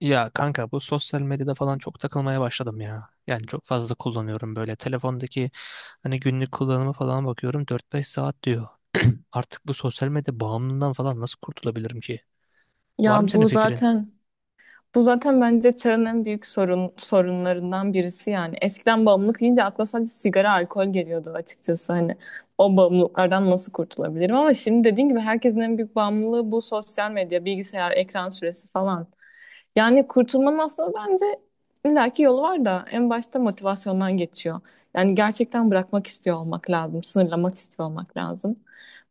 Ya kanka bu sosyal medyada falan çok takılmaya başladım ya. Yani çok fazla kullanıyorum böyle. Telefondaki hani günlük kullanımı falan bakıyorum 4-5 saat diyor. Artık bu sosyal medya bağımlılığından falan nasıl kurtulabilirim ki? Var Ya mı senin bu fikrin? zaten bu zaten bence çağın en büyük sorunlarından birisi yani. Eskiden bağımlılık deyince akla sadece sigara, alkol geliyordu açıkçası, hani o bağımlılıklardan nasıl kurtulabilirim, ama şimdi dediğin gibi herkesin en büyük bağımlılığı bu sosyal medya, bilgisayar, ekran süresi falan. Yani kurtulmanın aslında bence illaki yolu var da en başta motivasyondan geçiyor. Yani gerçekten bırakmak istiyor olmak lazım, sınırlamak istiyor olmak lazım.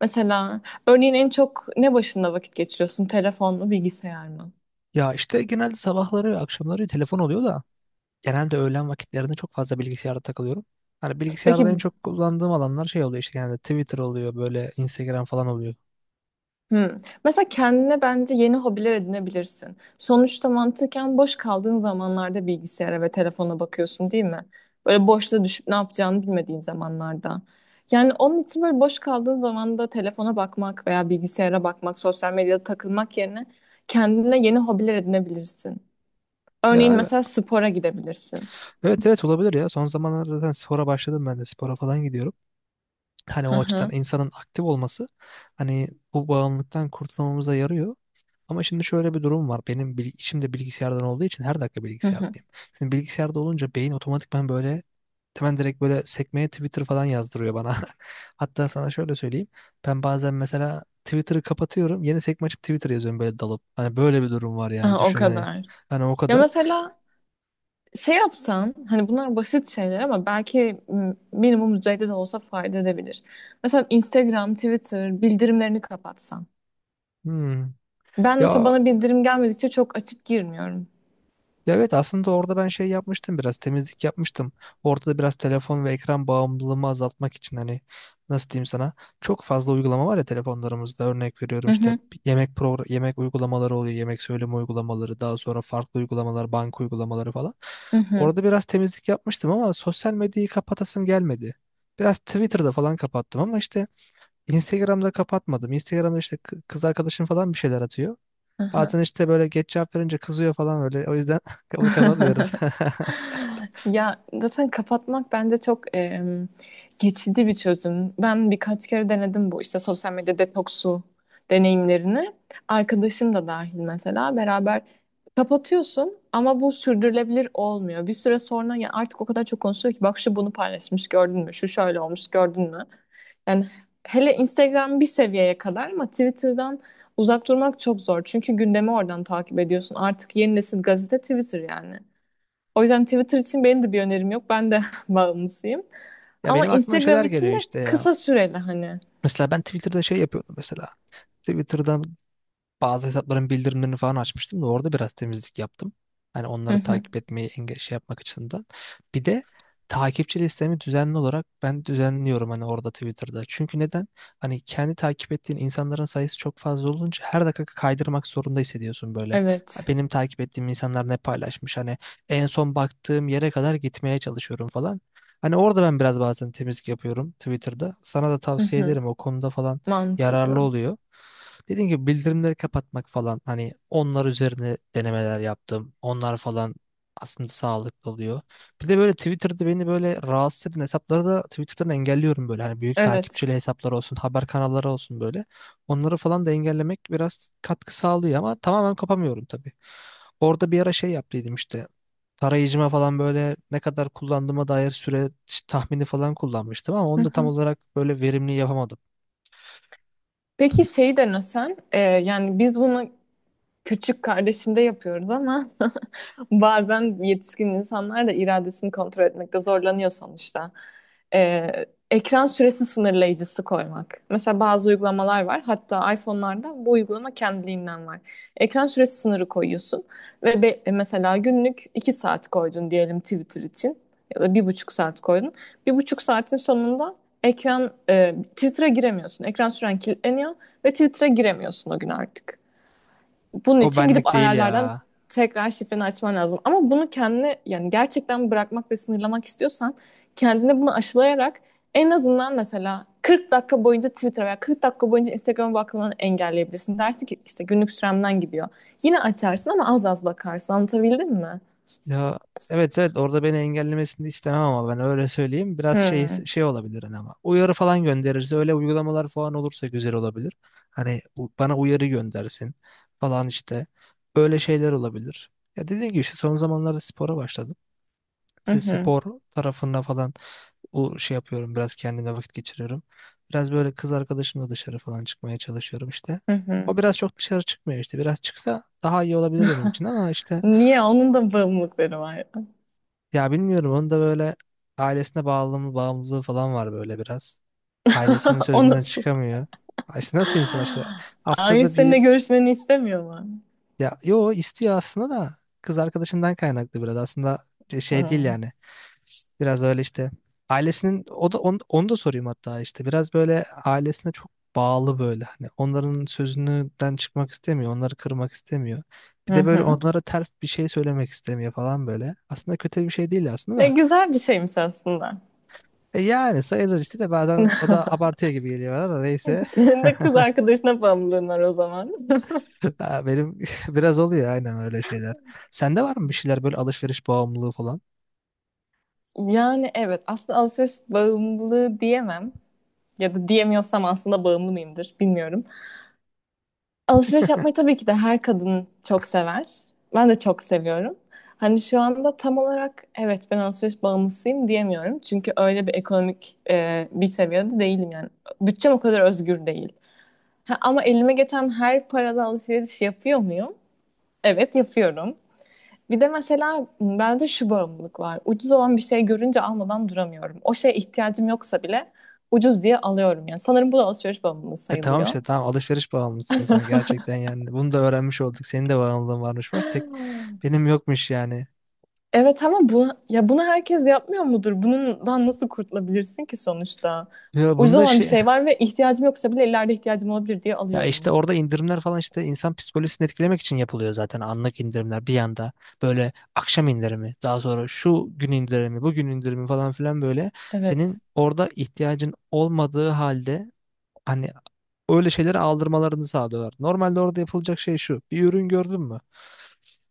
Mesela Örneğin en çok ne başında vakit geçiriyorsun? Telefon mu, bilgisayar mı? Ya işte genelde sabahları ve akşamları telefon oluyor da genelde öğlen vakitlerinde çok fazla bilgisayarda takılıyorum. Hani Peki, bilgisayarda en çok kullandığım alanlar şey oluyor işte genelde Twitter oluyor böyle Instagram falan oluyor. hmm. Mesela kendine bence yeni hobiler edinebilirsin. Sonuçta mantıken boş kaldığın zamanlarda bilgisayara ve telefona bakıyorsun, değil mi? Böyle boşta düşüp ne yapacağını bilmediğin zamanlarda. Yani onun için böyle boş kaldığın zamanda telefona bakmak veya bilgisayara bakmak, sosyal medyada takılmak yerine kendine yeni hobiler edinebilirsin. Örneğin Ya mesela spora gidebilirsin. evet evet olabilir ya. Son zamanlarda zaten spora başladım ben de spora falan gidiyorum. Hani Hı o açıdan hı. insanın aktif olması hani bu bağımlılıktan kurtulmamıza yarıyor. Ama şimdi şöyle bir durum var. Benim işim de bilgisayardan olduğu için her dakika Hı hı. bilgisayardayım. Şimdi bilgisayarda olunca beyin otomatikman böyle hemen direkt böyle sekmeye Twitter falan yazdırıyor bana. Hatta sana şöyle söyleyeyim. Ben bazen mesela Twitter'ı kapatıyorum. Yeni sekme açıp Twitter yazıyorum böyle dalıp. Hani böyle bir durum var Ha, yani o düşün hani. kadar. Hani o Ya kadar. mesela şey yapsan, hani bunlar basit şeyler ama belki minimum düzeyde de olsa fayda edebilir. Mesela Instagram, Twitter bildirimlerini kapatsan. Hmm. Ben mesela Ya bana bildirim gelmedikçe çok açıp girmiyorum. Ya evet aslında orada ben şey yapmıştım biraz temizlik yapmıştım. Orada da biraz telefon ve ekran bağımlılığımı azaltmak için hani nasıl diyeyim sana çok fazla uygulama var ya telefonlarımızda örnek veriyorum Hı işte hı, yemek program yemek uygulamaları oluyor yemek söyleme uygulamaları daha sonra farklı uygulamalar banka uygulamaları falan. hı hı. Orada biraz temizlik yapmıştım ama sosyal medyayı kapatasım gelmedi. Biraz Twitter'da falan kapattım ama işte Instagram'da kapatmadım. Instagram'da işte kız arkadaşım falan bir şeyler atıyor. Hı hı. Bazen işte böyle geç cevap verince kızıyor falan öyle. O yüzden kapatmıyorum. Ya zaten kapatmak bence çok geçici bir çözüm. Ben birkaç kere denedim bu işte sosyal medya detoksu deneyimlerini. Arkadaşım da dahil mesela beraber kapatıyorsun ama bu sürdürülebilir olmuyor. Bir süre sonra ya artık o kadar çok konuşuyor ki, bak şu bunu paylaşmış gördün mü, şu şöyle olmuş gördün mü? Yani hele Instagram bir seviyeye kadar, ama Twitter'dan uzak durmak çok zor. Çünkü gündemi oradan takip ediyorsun. Artık yeni nesil gazete Twitter yani. O yüzden Twitter için benim de bir önerim yok. Ben de bağımlısıyım. Ya Ama benim aklıma Instagram şeyler geliyor için de işte ya. kısa süreli hani. Mesela ben Twitter'da şey yapıyordum mesela. Twitter'dan bazı hesapların bildirimlerini falan açmıştım da orada biraz temizlik yaptım. Hani Hı onları hı. takip etmeyi şey yapmak açısından. Bir de takipçi listemi düzenli olarak ben düzenliyorum hani orada Twitter'da. Çünkü neden? Hani kendi takip ettiğin insanların sayısı çok fazla olunca her dakika kaydırmak zorunda hissediyorsun böyle. Evet. Benim takip ettiğim insanlar ne paylaşmış hani en son baktığım yere kadar gitmeye çalışıyorum falan. Hani orada ben biraz bazen temizlik yapıyorum Twitter'da. Sana da Hı tavsiye hı. ederim o konuda falan yararlı Mantıklı. oluyor. Dediğim gibi bildirimleri kapatmak falan hani onlar üzerine denemeler yaptım. Onlar falan aslında sağlıklı oluyor. Bir de böyle Twitter'da beni böyle rahatsız eden hesapları da Twitter'dan engelliyorum böyle. Hani büyük Evet. takipçili hesaplar olsun, haber kanalları olsun böyle. Onları falan da engellemek biraz katkı sağlıyor ama tamamen kapamıyorum tabii. Orada bir ara şey yaptıydım işte. Tarayıcıma falan böyle ne kadar kullandığıma dair süre tahmini falan kullanmıştım ama Hı onu da tam hı. olarak böyle verimli yapamadım. Peki şeyi denesen, yani biz bunu küçük kardeşimde yapıyoruz, ama bazen yetişkin insanlar da iradesini kontrol etmekte zorlanıyor sonuçta. Ee, ekran süresi sınırlayıcısı koymak. Mesela bazı uygulamalar var. Hatta iPhone'larda bu uygulama kendiliğinden var. Ekran süresi sınırı koyuyorsun ve mesela günlük 2 saat koydun diyelim Twitter için ya da 1,5 saat koydun. 1,5 saatin sonunda Twitter'a giremiyorsun. Ekran süren kilitleniyor ve Twitter'a giremiyorsun o gün artık. Bunun O için gidip benlik değil ayarlardan ya. tekrar şifreni açman lazım. Ama bunu kendine, yani gerçekten bırakmak ve sınırlamak istiyorsan, kendine bunu aşılayarak en azından mesela 40 dakika boyunca Twitter veya 40 dakika boyunca Instagram'a bakmanı engelleyebilirsin. Dersin ki işte günlük süremden gidiyor. Yine açarsın ama az az bakarsın. Anlatabildim mi? Ya evet evet orada beni engellemesini istemem ama ben öyle söyleyeyim. Biraz şey Hmm. şey olabilir hani ama. Uyarı falan gönderirse öyle uygulamalar falan olursa güzel olabilir. Hani bana uyarı göndersin falan işte. Öyle şeyler olabilir. Ya dediğim gibi işte son zamanlarda spora başladım. Hı İşte hı. spor tarafında falan o şey yapıyorum biraz kendime vakit geçiriyorum. Biraz böyle kız arkadaşımla dışarı falan çıkmaya çalışıyorum işte. Hı hı. O biraz çok dışarı çıkmıyor işte. Biraz çıksa daha iyi olabilir benim için ama işte Niye? Onun da bağımlılıkları var ya. ya bilmiyorum onun da böyle ailesine bağlılığı, bağımlılığı falan var böyle biraz. Ailesinin O sözünden nasıl? çıkamıyor. Ay İşte nasıl diyeyim sana işte Ailesi haftada seninle bir görüşmeni istemiyor mu? ya yo istiyor aslında da kız arkadaşından kaynaklı biraz aslında şey değil Hmm. yani. Biraz öyle işte ailesinin o da onu, onu da sorayım hatta işte biraz böyle ailesine çok bağlı böyle hani onların sözünden çıkmak istemiyor, onları kırmak istemiyor. Hı Bir de hı, böyle hı. onlara ters bir şey söylemek istemiyor falan böyle. Aslında kötü bir şey değil aslında da. Güzel bir şeymiş aslında. E yani sayılır işte de bazen o da abartıyor gibi geliyor bana da neyse. Senin de kız arkadaşına bağımlılığın var o zaman. Ha, benim biraz oluyor aynen öyle şeyler. Sende var mı bir şeyler böyle alışveriş bağımlılığı falan? Yani evet, aslında alışveriş bağımlılığı diyemem. Ya da diyemiyorsam aslında bağımlı mıyımdır bilmiyorum. Alışveriş yapmayı tabii ki de her kadın çok sever. Ben de çok seviyorum. Hani şu anda tam olarak evet ben alışveriş bağımlısıyım diyemiyorum. Çünkü öyle bir ekonomik bir seviyede değilim yani. Bütçem o kadar özgür değil. Ha, ama elime geçen her parada alışveriş yapıyor muyum? Evet yapıyorum. Bir de mesela bende şu bağımlılık var. Ucuz olan bir şey görünce almadan duramıyorum. O şeye ihtiyacım yoksa bile ucuz diye alıyorum yani. Sanırım bu da alışveriş bağımlılığı E tamam sayılıyor. işte tamam alışveriş bağımlısın sen gerçekten yani. Bunu da öğrenmiş olduk. Senin de bağımlılığın varmış bak tek benim yokmuş yani. Evet ama bunu, ya bunu herkes yapmıyor mudur? Bundan nasıl kurtulabilirsin ki sonuçta? Ya Ucuz bunda olan bir şey şey var ve ihtiyacım yoksa bile ileride ihtiyacım olabilir diye ya işte alıyorum. orada indirimler falan işte insan psikolojisini etkilemek için yapılıyor zaten anlık indirimler bir yanda böyle akşam indirimi daha sonra şu gün indirimi bugün indirimi falan filan böyle senin Evet. orada ihtiyacın olmadığı halde hani öyle şeyleri aldırmalarını sağlıyorlar. Normalde orada yapılacak şey şu, bir ürün gördün mü?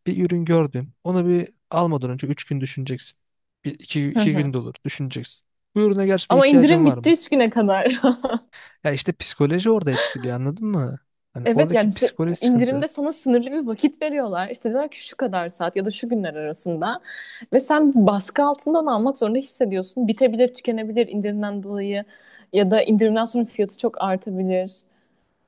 Bir ürün gördün onu bir almadan önce 3 gün düşüneceksin. Bir, iki, Hı iki hı. gün de olur düşüneceksin. Bu ürüne gerçekten Ama ihtiyacın indirim var bitti mı? 3 güne kadar. Ya işte psikoloji orada etkiliyor anladın mı? Hani Evet oradaki yani, psikoloji sıkıntı. indirimde sana sınırlı bir vakit veriyorlar. İşte diyorlar ki şu kadar saat ya da şu günler arasında. Ve sen baskı altından almak zorunda hissediyorsun. Bitebilir, tükenebilir indirimden dolayı. Ya da indirimden sonra fiyatı çok artabilir.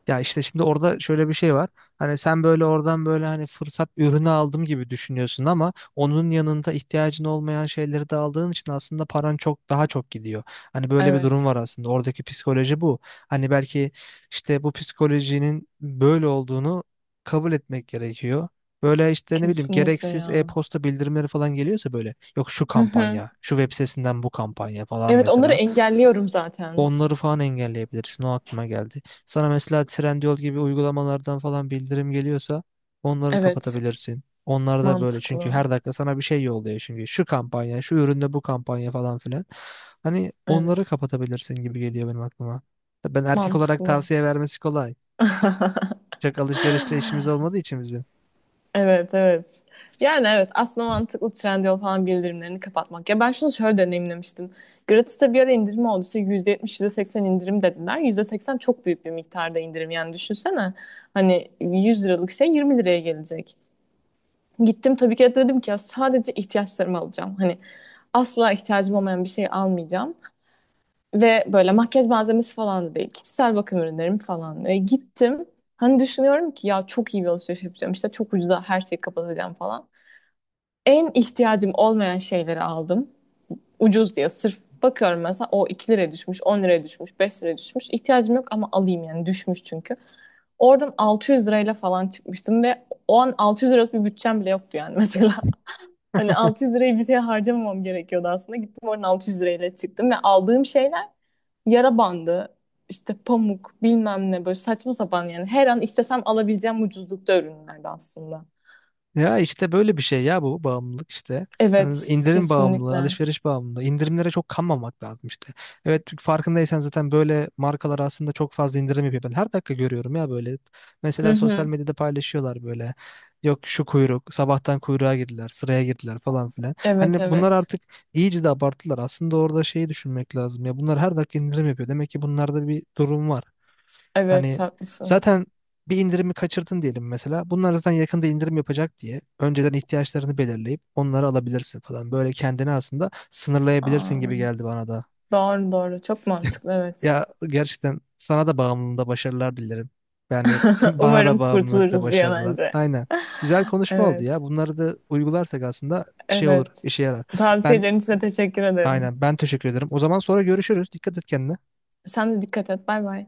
Ya işte şimdi orada şöyle bir şey var. Hani sen böyle oradan böyle hani fırsat ürünü aldım gibi düşünüyorsun ama onun yanında ihtiyacın olmayan şeyleri de aldığın için aslında paran çok daha çok gidiyor. Hani böyle bir durum Evet. var aslında. Oradaki psikoloji bu. Hani belki işte bu psikolojinin böyle olduğunu kabul etmek gerekiyor. Böyle işte ne bileyim Kesinlikle gereksiz ya. e-posta bildirimleri falan geliyorsa böyle yok şu Hı hı. kampanya, şu web sitesinden bu kampanya falan Evet, onları mesela. engelliyorum zaten. Onları falan engelleyebilirsin. O aklıma geldi. Sana mesela Trendyol gibi uygulamalardan falan bildirim geliyorsa onları Evet. kapatabilirsin. Onlar da böyle çünkü Mantıklı. her dakika sana bir şey yolluyor çünkü şu kampanya, şu üründe bu kampanya falan filan. Hani onları Evet. kapatabilirsin gibi geliyor benim aklıma. Ben erkek olarak Mantıklı. tavsiye vermesi kolay. Çok alışverişle işimiz olmadığı için bizim. Evet, evet. Yani evet, aslında mantıklı Trendyol falan bildirimlerini kapatmak. Ya ben şunu şöyle deneyimlemiştim. Gratis'te bir ara indirim oldu. İşte %70, %80 indirim dediler. %80 çok büyük bir miktarda indirim. Yani düşünsene, hani 100 liralık şey 20 liraya gelecek. Gittim tabii ki de dedim ki ya sadece ihtiyaçlarımı alacağım. Hani asla ihtiyacım olmayan bir şey almayacağım. Ve böyle makyaj malzemesi falan da değil, kişisel bakım ürünlerim falan. Gittim. Hani düşünüyorum ki ya çok iyi bir alışveriş yapacağım, İşte çok ucuza her şeyi kapatacağım falan. En ihtiyacım olmayan şeyleri aldım. Ucuz diye sırf bakıyorum, mesela o 2 liraya düşmüş, 10 liraya düşmüş, 5 liraya düşmüş. İhtiyacım yok ama alayım, yani düşmüş çünkü. Oradan 600 lirayla falan çıkmıştım ve o an 600 liralık bir bütçem bile yoktu yani mesela. Hani 600 lirayı bir şeye harcamamam gerekiyordu aslında. Gittim oradan 600 lirayla çıktım ve aldığım şeyler yara bandı, işte pamuk, bilmem ne, böyle saçma sapan yani. Her an istesem alabileceğim ucuzlukta ürünlerdi aslında. Ya işte böyle bir şey ya, bu bağımlılık işte. Hani Evet, indirim bağımlılığı, kesinlikle. alışveriş bağımlılığı. İndirimlere çok kanmamak lazım işte. Evet farkındaysan zaten böyle markalar aslında çok fazla indirim yapıyor. Ben her dakika görüyorum ya böyle. Hı Mesela sosyal hı. medyada paylaşıyorlar böyle. Yok şu kuyruk, sabahtan kuyruğa girdiler, sıraya girdiler falan filan. Evet, Hani bunlar evet. artık iyice de abarttılar. Aslında orada şeyi düşünmek lazım ya. Bunlar her dakika indirim yapıyor. Demek ki bunlarda bir durum var. Evet Hani haklısın. zaten bir indirimi kaçırdın diyelim mesela. Bunlar zaten yakında indirim yapacak diye önceden ihtiyaçlarını belirleyip onları alabilirsin falan. Böyle kendini aslında sınırlayabilirsin Aa, gibi geldi bana da. doğru doğru. Çok mantıklı, evet. Ya gerçekten sana da bağımlılığında başarılar dilerim. Yani bana da Umarım bağımlılıkta kurtuluruz bir an başarılar. önce. Aynen. Güzel konuşma oldu Evet. ya. Bunları da uygularsak aslında şey olur, Evet. işe yarar. Ben Tavsiyelerin için de teşekkür ederim. aynen, ben teşekkür ederim. O zaman sonra görüşürüz. Dikkat et kendine. Sen de dikkat et. Bay bay.